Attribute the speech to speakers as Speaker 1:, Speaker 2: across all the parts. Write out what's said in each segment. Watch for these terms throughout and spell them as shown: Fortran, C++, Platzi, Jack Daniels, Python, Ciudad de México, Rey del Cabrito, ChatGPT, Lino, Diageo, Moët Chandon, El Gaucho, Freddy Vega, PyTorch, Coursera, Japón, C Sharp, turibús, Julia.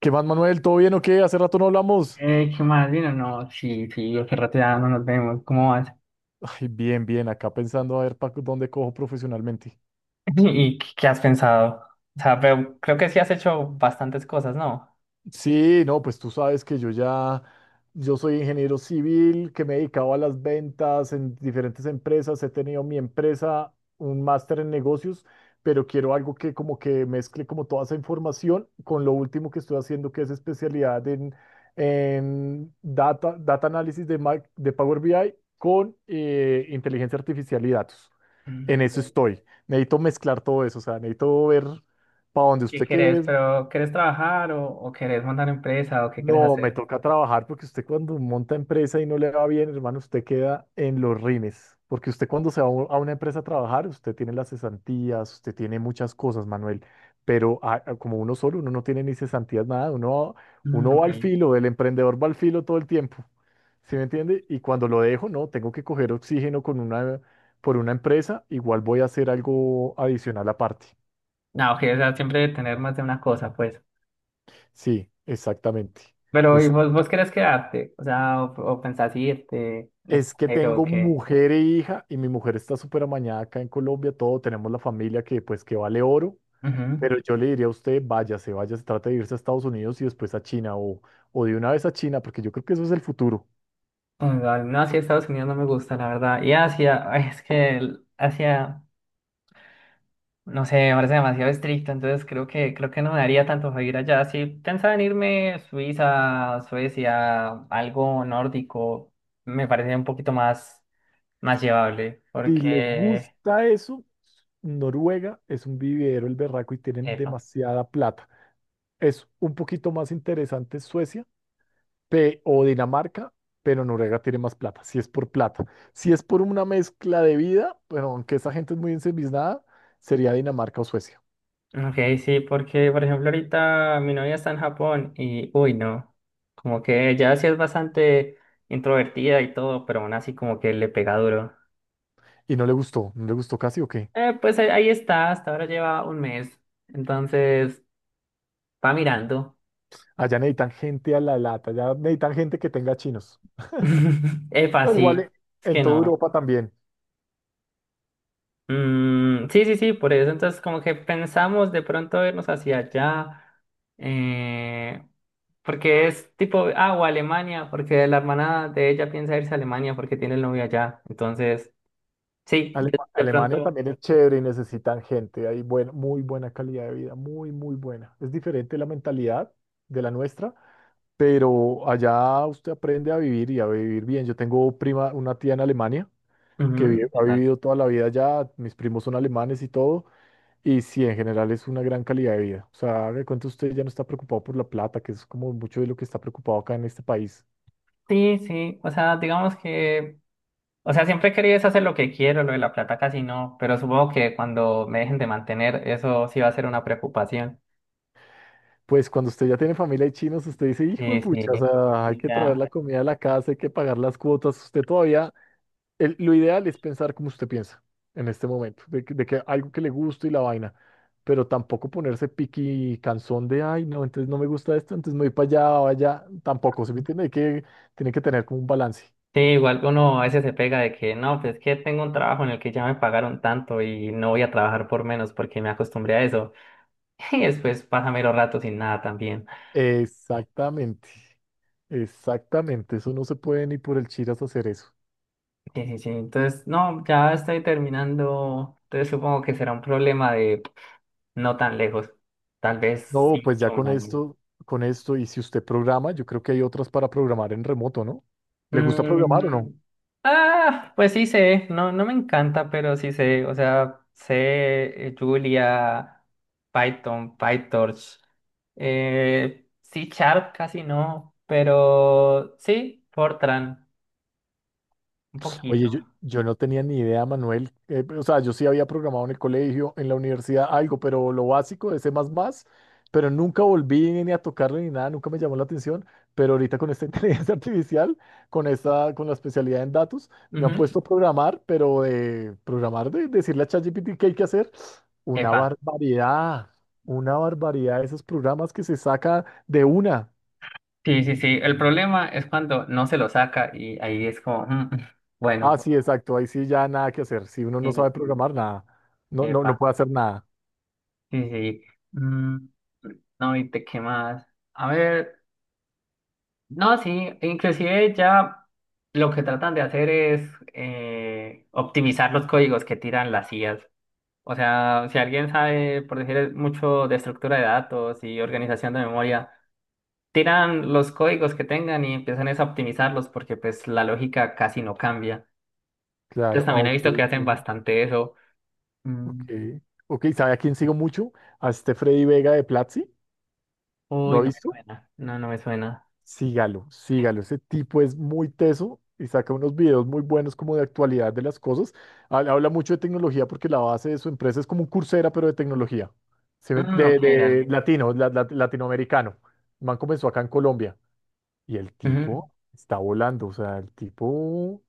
Speaker 1: ¿Qué más, Manuel? ¿Todo bien o qué? Hace rato no hablamos.
Speaker 2: ¿Qué más, Lino? No, sí, sí, hace rato ya no nos vemos. ¿Cómo vas?
Speaker 1: Ay, bien, bien, acá pensando a ver para dónde cojo profesionalmente.
Speaker 2: ¿Y qué has pensado? O sea, pero creo que sí has hecho bastantes cosas, ¿no?
Speaker 1: Sí, no, pues tú sabes que yo soy ingeniero civil, que me he dedicado a las ventas en diferentes empresas, he tenido mi empresa, un máster en negocios, pero quiero algo que como que mezcle como toda esa información con lo último que estoy haciendo, que es especialidad en data análisis de Power BI con inteligencia artificial y datos.
Speaker 2: Mm,
Speaker 1: En
Speaker 2: ok.
Speaker 1: eso estoy. Necesito mezclar todo eso, o sea, necesito ver para donde
Speaker 2: ¿Qué
Speaker 1: usted que
Speaker 2: querés?
Speaker 1: es.
Speaker 2: ¿Pero querés trabajar o querés montar empresa o qué querés
Speaker 1: No, me
Speaker 2: hacer?
Speaker 1: toca trabajar porque usted cuando monta empresa y no le va bien, hermano, usted queda en los rines. Porque usted cuando se va a a una empresa a trabajar, usted tiene las cesantías, usted tiene muchas cosas, Manuel. Pero como uno solo, uno no tiene ni cesantías, nada. Uno,
Speaker 2: Mm,
Speaker 1: uno va
Speaker 2: ok.
Speaker 1: al filo, el emprendedor va al filo todo el tiempo. ¿Sí me entiende? Y cuando lo dejo, no, tengo que coger oxígeno por una empresa, igual voy a hacer algo adicional aparte.
Speaker 2: No, ok, o sea, siempre tener más de una cosa, pues.
Speaker 1: Sí, exactamente.
Speaker 2: Pero, ¿y
Speaker 1: Es,
Speaker 2: vos querés quedarte? O sea, o pensás irte al
Speaker 1: es que
Speaker 2: extranjero o
Speaker 1: tengo
Speaker 2: qué?
Speaker 1: mujer e hija y mi mujer está súper amañada acá en Colombia, todo, tenemos la familia que pues que vale oro,
Speaker 2: Ujú.
Speaker 1: pero yo le diría a usted, váyase, váyase, trate de irse a Estados Unidos y después a China o de una vez a China, porque yo creo que eso es el futuro.
Speaker 2: O sea, no, sí, Estados Unidos no me gusta, la verdad. Y Asia, ay, es que Asia. No sé, me parece demasiado estricto, entonces creo que no me daría tanto para ir allá. Si pensaba en irme a Suiza, Suecia, algo nórdico, me parece un poquito más llevable,
Speaker 1: Si le
Speaker 2: porque,
Speaker 1: gusta eso, Noruega es un vividero el berraco y tienen
Speaker 2: epa.
Speaker 1: demasiada plata. Es un poquito más interesante Suecia o Dinamarca, pero Noruega tiene más plata, si es por plata. Si es por una mezcla de vida, bueno, aunque esa gente es muy ensimismada, sería Dinamarca o Suecia.
Speaker 2: Ok, sí, porque por ejemplo ahorita mi novia está en Japón y, uy, no, como que ella sí es bastante introvertida y todo, pero aún así como que le pega duro.
Speaker 1: Y no le gustó, no le gustó casi o qué.
Speaker 2: Pues ahí está, hasta ahora lleva un mes, entonces va mirando.
Speaker 1: Allá necesitan gente a la lata, allá necesitan gente que tenga chinos.
Speaker 2: Epa,
Speaker 1: Pero igual
Speaker 2: sí, es
Speaker 1: en
Speaker 2: que
Speaker 1: toda
Speaker 2: no.
Speaker 1: Europa también.
Speaker 2: Mm, sí, sí, sí, por eso. Entonces, como que pensamos de pronto irnos hacia allá, eh, porque es tipo, ah, o Alemania, porque la hermana de ella piensa irse a Alemania porque tiene el novio allá. Entonces, sí, de, de
Speaker 1: Alemania
Speaker 2: pronto.
Speaker 1: también es chévere y necesitan gente. Hay muy buena calidad de vida, muy, muy buena. Es diferente la mentalidad de la nuestra, pero allá usted aprende a vivir y a vivir bien. Yo tengo prima, una tía en Alemania que
Speaker 2: Ujú,
Speaker 1: ha
Speaker 2: total.
Speaker 1: vivido toda la vida allá, mis primos son alemanes y todo, y sí, en general es una gran calidad de vida. O sea, haga de cuenta usted ya no está preocupado por la plata, que es como mucho de lo que está preocupado acá en este país.
Speaker 2: Sí, sí, o sea, digamos que, o sea, siempre he querido es hacer lo que quiero, lo de la plata casi no, pero supongo que cuando me dejen de mantener, eso sí va a ser una preocupación.
Speaker 1: Pues cuando usted ya tiene familia y chinos, usted dice, hijo de
Speaker 2: Sí, sí,
Speaker 1: pucha, o sea, hay
Speaker 2: sí,
Speaker 1: que traer
Speaker 2: ya.
Speaker 1: la comida a la casa, hay que pagar las cuotas, usted todavía lo ideal es pensar como usted piensa en este momento, de que algo que le guste y la vaina, pero tampoco ponerse piqui cansón de, ay, no, entonces no me gusta esto, entonces me voy para allá o allá, tampoco, ¿se me entiende? Hay que, tiene que tener como un balance.
Speaker 2: Sí, igual uno a veces se pega de que no, pues es que tengo un trabajo en el que ya me pagaron tanto y no voy a trabajar por menos porque me acostumbré a eso. Y después pasa mero rato sin nada también.
Speaker 1: Exactamente, exactamente, eso no se puede ni por el chiras hacer eso.
Speaker 2: Sí, sí, sí. Entonces, no, ya estoy terminando. Entonces supongo que será un problema de no tan lejos. Tal vez sí
Speaker 1: No, pues
Speaker 2: mucho
Speaker 1: ya
Speaker 2: un año.
Speaker 1: con esto, y si usted programa, yo creo que hay otras para programar en remoto, ¿no? ¿Le gusta programar o no?
Speaker 2: Mm, ah, pues sí sé, no, no me encanta, pero sí sé, o sea, sé Julia, Python, PyTorch, C Sharp casi no, pero sí, Fortran, un poquito.
Speaker 1: Oye, yo no tenía ni idea, Manuel. O sea, yo sí había programado en el colegio, en la universidad, algo, pero lo básico de C++, pero nunca volví ni a tocarlo ni nada, nunca me llamó la atención. Pero ahorita con esta inteligencia artificial, con esta, con la especialidad en datos, me han
Speaker 2: Ujú.
Speaker 1: puesto a programar, pero de programar, de decirle a ChatGPT qué hay que hacer, una
Speaker 2: Epa,
Speaker 1: barbaridad, una barbaridad de esos programas que se saca de una.
Speaker 2: sí, sí, sí. El problema es cuando no se lo saca y ahí es como,
Speaker 1: Ah,
Speaker 2: bueno,
Speaker 1: sí, exacto, ahí sí ya nada que hacer. Si uno no
Speaker 2: sí, sí,
Speaker 1: sabe
Speaker 2: sí,
Speaker 1: programar, nada, no
Speaker 2: epa,
Speaker 1: puede hacer nada.
Speaker 2: sí, sí. Mm, no, ¿y te qué más? A ver. No, sí, inclusive ya lo que tratan de hacer es optimizar los códigos que tiran las IAs. O sea, si alguien sabe, por decir mucho de estructura de datos y organización de memoria, tiran los códigos que tengan y empiezan es a optimizarlos porque pues la lógica casi no cambia. Entonces
Speaker 1: Claro, ah,
Speaker 2: también he
Speaker 1: ok,
Speaker 2: visto que hacen
Speaker 1: entiendo.
Speaker 2: bastante eso. Mm.
Speaker 1: Ok, ok, ¿sabe a quién sigo mucho? A este Freddy Vega de Platzi, ¿lo
Speaker 2: Uy,
Speaker 1: ha
Speaker 2: no me
Speaker 1: visto?
Speaker 2: suena. No, no me suena.
Speaker 1: Sígalo, sígalo, ese tipo es muy teso y saca unos videos muy buenos como de actualidad de las cosas. Habla mucho de tecnología porque la base de su empresa es como un Coursera, pero de tecnología, ¿sí me-
Speaker 2: Mm,
Speaker 1: de,
Speaker 2: ok, dale.
Speaker 1: de latino, latinoamericano. El man comenzó acá en Colombia y el
Speaker 2: Ujú,
Speaker 1: tipo está volando, o sea, el tipo...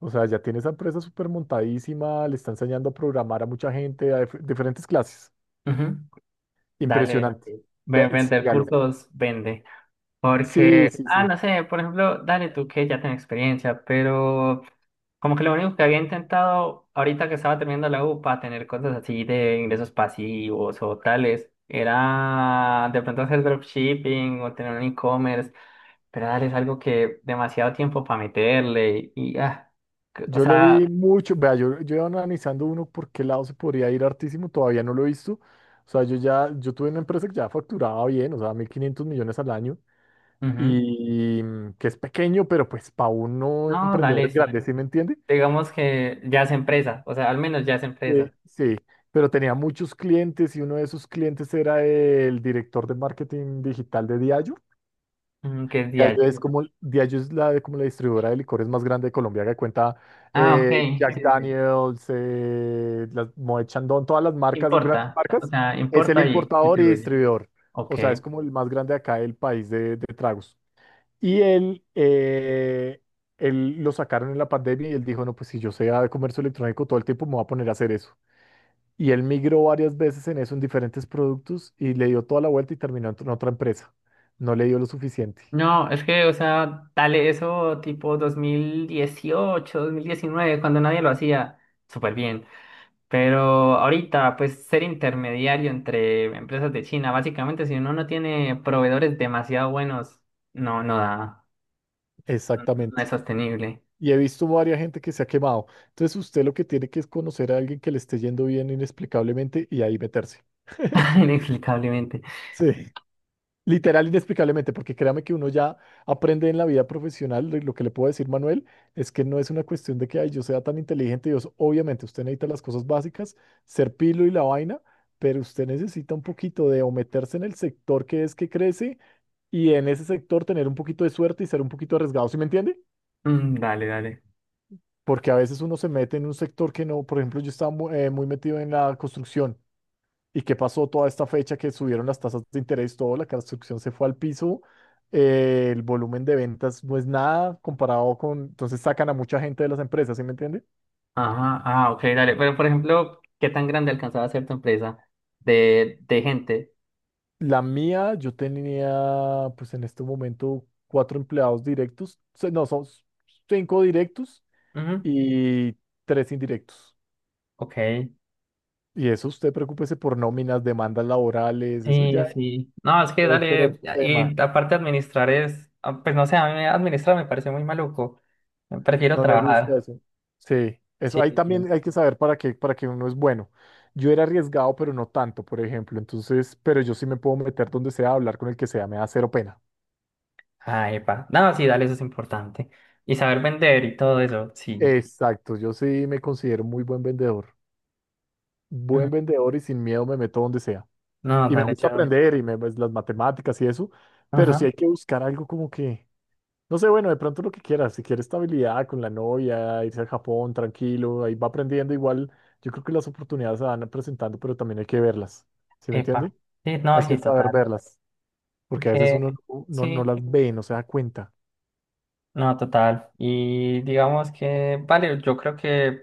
Speaker 1: O sea, ya tiene esa empresa súper montadísima, le está enseñando a programar a mucha gente, a diferentes clases.
Speaker 2: ujú. Dale.
Speaker 1: Impresionante.
Speaker 2: Sí.
Speaker 1: Ve,
Speaker 2: Vender
Speaker 1: sígalo.
Speaker 2: cursos, vende.
Speaker 1: Sí,
Speaker 2: Porque,
Speaker 1: sí,
Speaker 2: ah,
Speaker 1: sí.
Speaker 2: no sé, por ejemplo, dale tú que ya tienes experiencia, pero como que lo único que había intentado ahorita que estaba terminando la U para tener cosas así de ingresos pasivos o tales, era de pronto hacer dropshipping o tener un e-commerce, pero dale, es algo que demasiado tiempo para meterle y, ah, o
Speaker 1: Yo lo vi
Speaker 2: sea,
Speaker 1: mucho. Vea, yo iba analizando uno por qué lado se podría ir hartísimo, todavía no lo he visto. O sea, yo tuve una empresa que ya facturaba bien, o sea, 1.500 millones al año,
Speaker 2: ujú.
Speaker 1: y mm, que es pequeño, pero pues para uno
Speaker 2: No,
Speaker 1: emprendedor
Speaker 2: dale,
Speaker 1: es grande,
Speaker 2: sí.
Speaker 1: ¿sí me entiende?
Speaker 2: Digamos que ya es empresa, o sea, al menos ya es
Speaker 1: Sí,
Speaker 2: empresa,
Speaker 1: sí, pero tenía muchos clientes y uno de esos clientes era el director de marketing digital de Diageo.
Speaker 2: que es
Speaker 1: Diageo
Speaker 2: diario.
Speaker 1: es como, Diageo es la, como la distribuidora de licores más grande de Colombia que cuenta
Speaker 2: Ah, ok, sí,
Speaker 1: Jack
Speaker 2: sí. Sí.
Speaker 1: Daniels, las Moët Chandon, todas las marcas, grandes
Speaker 2: Importa, o
Speaker 1: marcas.
Speaker 2: sea,
Speaker 1: Es el
Speaker 2: importa y
Speaker 1: importador y
Speaker 2: distribuye.
Speaker 1: distribuidor.
Speaker 2: Ok.
Speaker 1: O sea, es como el más grande acá del país de tragos. Y él, él lo sacaron en la pandemia y él dijo, no, pues si yo sé de comercio electrónico todo el tiempo me voy a poner a hacer eso. Y él migró varias veces en eso, en diferentes productos, y le dio toda la vuelta y terminó en otra empresa. No le dio lo suficiente.
Speaker 2: No, es que, o sea, dale eso tipo dos mil dieciocho, 2019 cuando nadie lo hacía, súper bien. Pero ahorita, pues ser intermediario entre empresas de China, básicamente, si uno no tiene proveedores demasiado buenos, no, no da, no, no
Speaker 1: Exactamente.
Speaker 2: es sostenible,
Speaker 1: Y he visto varias gente que se ha quemado. Entonces usted lo que tiene que es conocer a alguien que le esté yendo bien inexplicablemente y ahí meterse.
Speaker 2: inexplicablemente.
Speaker 1: Sí. Literal, inexplicablemente, porque créame que uno ya aprende en la vida profesional, lo que le puedo decir, Manuel, es que no es una cuestión de que ay, yo sea tan inteligente, Dios, obviamente usted necesita las cosas básicas, ser pilo y la vaina, pero usted necesita un poquito de o meterse en el sector que es que crece y en ese sector tener un poquito de suerte y ser un poquito arriesgado, ¿sí me entiende?
Speaker 2: Mm, dale, dale.
Speaker 1: Porque a veces uno se mete en un sector que no, por ejemplo, yo estaba muy metido en la construcción. ¿Y qué pasó toda esta fecha que subieron las tasas de interés, todo, la construcción se fue al piso, el volumen de ventas no es nada comparado con, entonces sacan a mucha gente de las empresas, ¿sí me entiende?
Speaker 2: Ajá, ah, ok, dale. Pero, por ejemplo, ¿qué tan grande alcanzaba a ser tu empresa de gente?
Speaker 1: La mía, yo tenía, pues en este momento, cuatro empleados directos, se- no, son cinco directos y tres indirectos.
Speaker 2: Ok,
Speaker 1: Y eso, usted preocúpese por nóminas, demandas laborales, eso ya
Speaker 2: sí,
Speaker 1: es
Speaker 2: sí. No, es que
Speaker 1: otro
Speaker 2: dale,
Speaker 1: tema.
Speaker 2: y aparte administrar es, ah, pues no sé, a mí administrar me parece muy maluco. Prefiero
Speaker 1: No le gusta
Speaker 2: trabajar.
Speaker 1: eso. Sí, eso
Speaker 2: Sí,
Speaker 1: ahí
Speaker 2: sí. Sí.
Speaker 1: también hay que saber para qué uno es bueno. Yo era arriesgado, pero no tanto, por ejemplo. Entonces, pero yo sí me puedo meter donde sea, hablar con el que sea, me da cero pena.
Speaker 2: Ah, epa. No, sí, dale, eso es importante. Y saber vender y todo eso, sí.
Speaker 1: Exacto, yo sí me considero muy buen vendedor.
Speaker 2: Mm,
Speaker 1: Buen vendedor y sin miedo me meto donde sea.
Speaker 2: no,
Speaker 1: Y me
Speaker 2: dale,
Speaker 1: gusta
Speaker 2: yo.
Speaker 1: aprender y me, pues, las matemáticas y eso, pero sí hay
Speaker 2: Ajá,
Speaker 1: que buscar algo como que no sé, bueno, de pronto lo que quieras, si quiere estabilidad con la novia, irse a Japón tranquilo, ahí va aprendiendo igual. Yo creo que las oportunidades se van presentando, pero también hay que verlas, ¿sí me entiende?
Speaker 2: epa. Sí, no,
Speaker 1: Hay que
Speaker 2: sí,
Speaker 1: saber
Speaker 2: total.
Speaker 1: verlas, porque a veces uno
Speaker 2: Que,
Speaker 1: no, no
Speaker 2: sí,
Speaker 1: las ve, no se da cuenta.
Speaker 2: no, total. Y digamos que, vale, yo creo que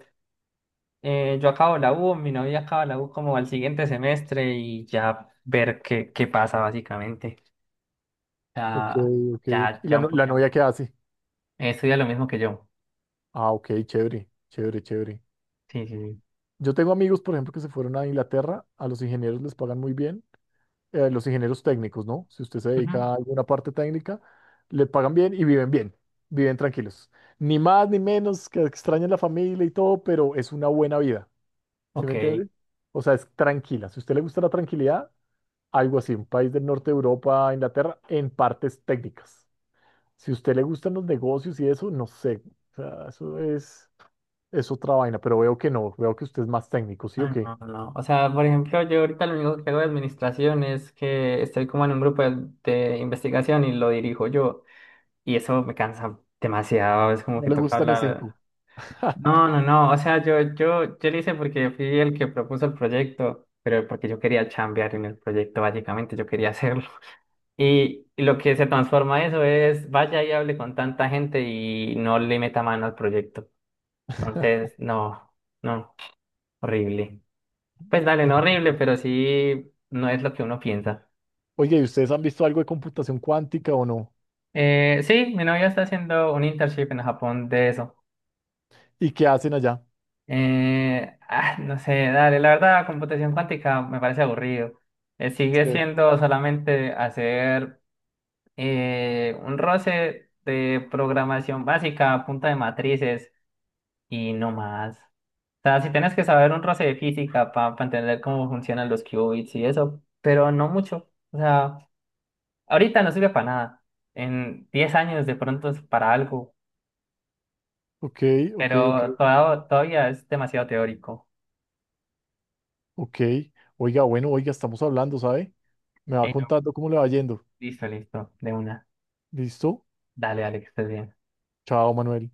Speaker 2: Yo acabo la U, mi novia acaba la U como al siguiente semestre y ya ver qué, pasa básicamente.
Speaker 1: Ok,
Speaker 2: Ya,
Speaker 1: ok, ok.
Speaker 2: ya,
Speaker 1: ¿Y la,
Speaker 2: ya un
Speaker 1: no- la
Speaker 2: poquito.
Speaker 1: novia qué hace?
Speaker 2: Estudia lo mismo que yo.
Speaker 1: Ah, ok, chévere, chévere, chévere.
Speaker 2: Sí, sí, sí.
Speaker 1: Yo tengo amigos, por ejemplo, que se fueron a Inglaterra, a los ingenieros les pagan muy bien los ingenieros técnicos, ¿no? Si usted se
Speaker 2: Ujú.
Speaker 1: dedica a alguna parte técnica, le pagan bien y viven bien, viven tranquilos. Ni más ni menos, que extrañen la familia y todo, pero es una buena vida, ¿sí me
Speaker 2: Ok.
Speaker 1: entiende? O sea, es tranquila. Si a usted le gusta la tranquilidad, algo así, un país del norte de Europa, Inglaterra, en partes técnicas. Si a usted le gustan los negocios y eso, no sé. O sea, es otra vaina, pero veo que no, veo que usted es más técnico, ¿sí o
Speaker 2: Ah,
Speaker 1: qué?
Speaker 2: no, no. No. O sea, por ejemplo, yo ahorita lo único que hago de administración es que estoy como en un grupo de investigación y lo dirijo yo. Y eso me cansa demasiado. Es como
Speaker 1: No
Speaker 2: que
Speaker 1: le
Speaker 2: toca
Speaker 1: gustan ni cinco.
Speaker 2: hablar. No, no, no, o sea, yo lo hice porque fui el que propuso el proyecto, pero porque yo quería chambear en el proyecto, básicamente, yo quería hacerlo. Y lo que se transforma eso es, vaya y hable con tanta gente y no le meta mano al proyecto. Entonces, no, no, horrible. Pues dale, no
Speaker 1: No.
Speaker 2: horrible, pero sí, no es lo que uno piensa.
Speaker 1: Oye, ¿y ustedes han visto algo de computación cuántica o no?
Speaker 2: Sí, mi novia está haciendo un internship en Japón de eso.
Speaker 1: ¿Y qué hacen allá?
Speaker 2: Ah, no sé, dale, la verdad, computación cuántica me parece aburrido. Sigue
Speaker 1: Sí.
Speaker 2: siendo solamente hacer un roce de programación básica a punta de matrices y no más. O sea, si tienes que saber un roce de física para entender cómo funcionan los qubits y eso, pero no mucho. O sea, ahorita no sirve para nada. En 10 años de pronto es para algo,
Speaker 1: Ok, ok, ok,
Speaker 2: pero
Speaker 1: ok.
Speaker 2: todavía es demasiado teórico.
Speaker 1: Ok. Oiga, bueno, oiga, estamos hablando, ¿sabe? Me va
Speaker 2: No,
Speaker 1: contando cómo le va yendo.
Speaker 2: listo, listo, de una.
Speaker 1: ¿Listo?
Speaker 2: Dale, dale, que estés bien.
Speaker 1: Chao, Manuel.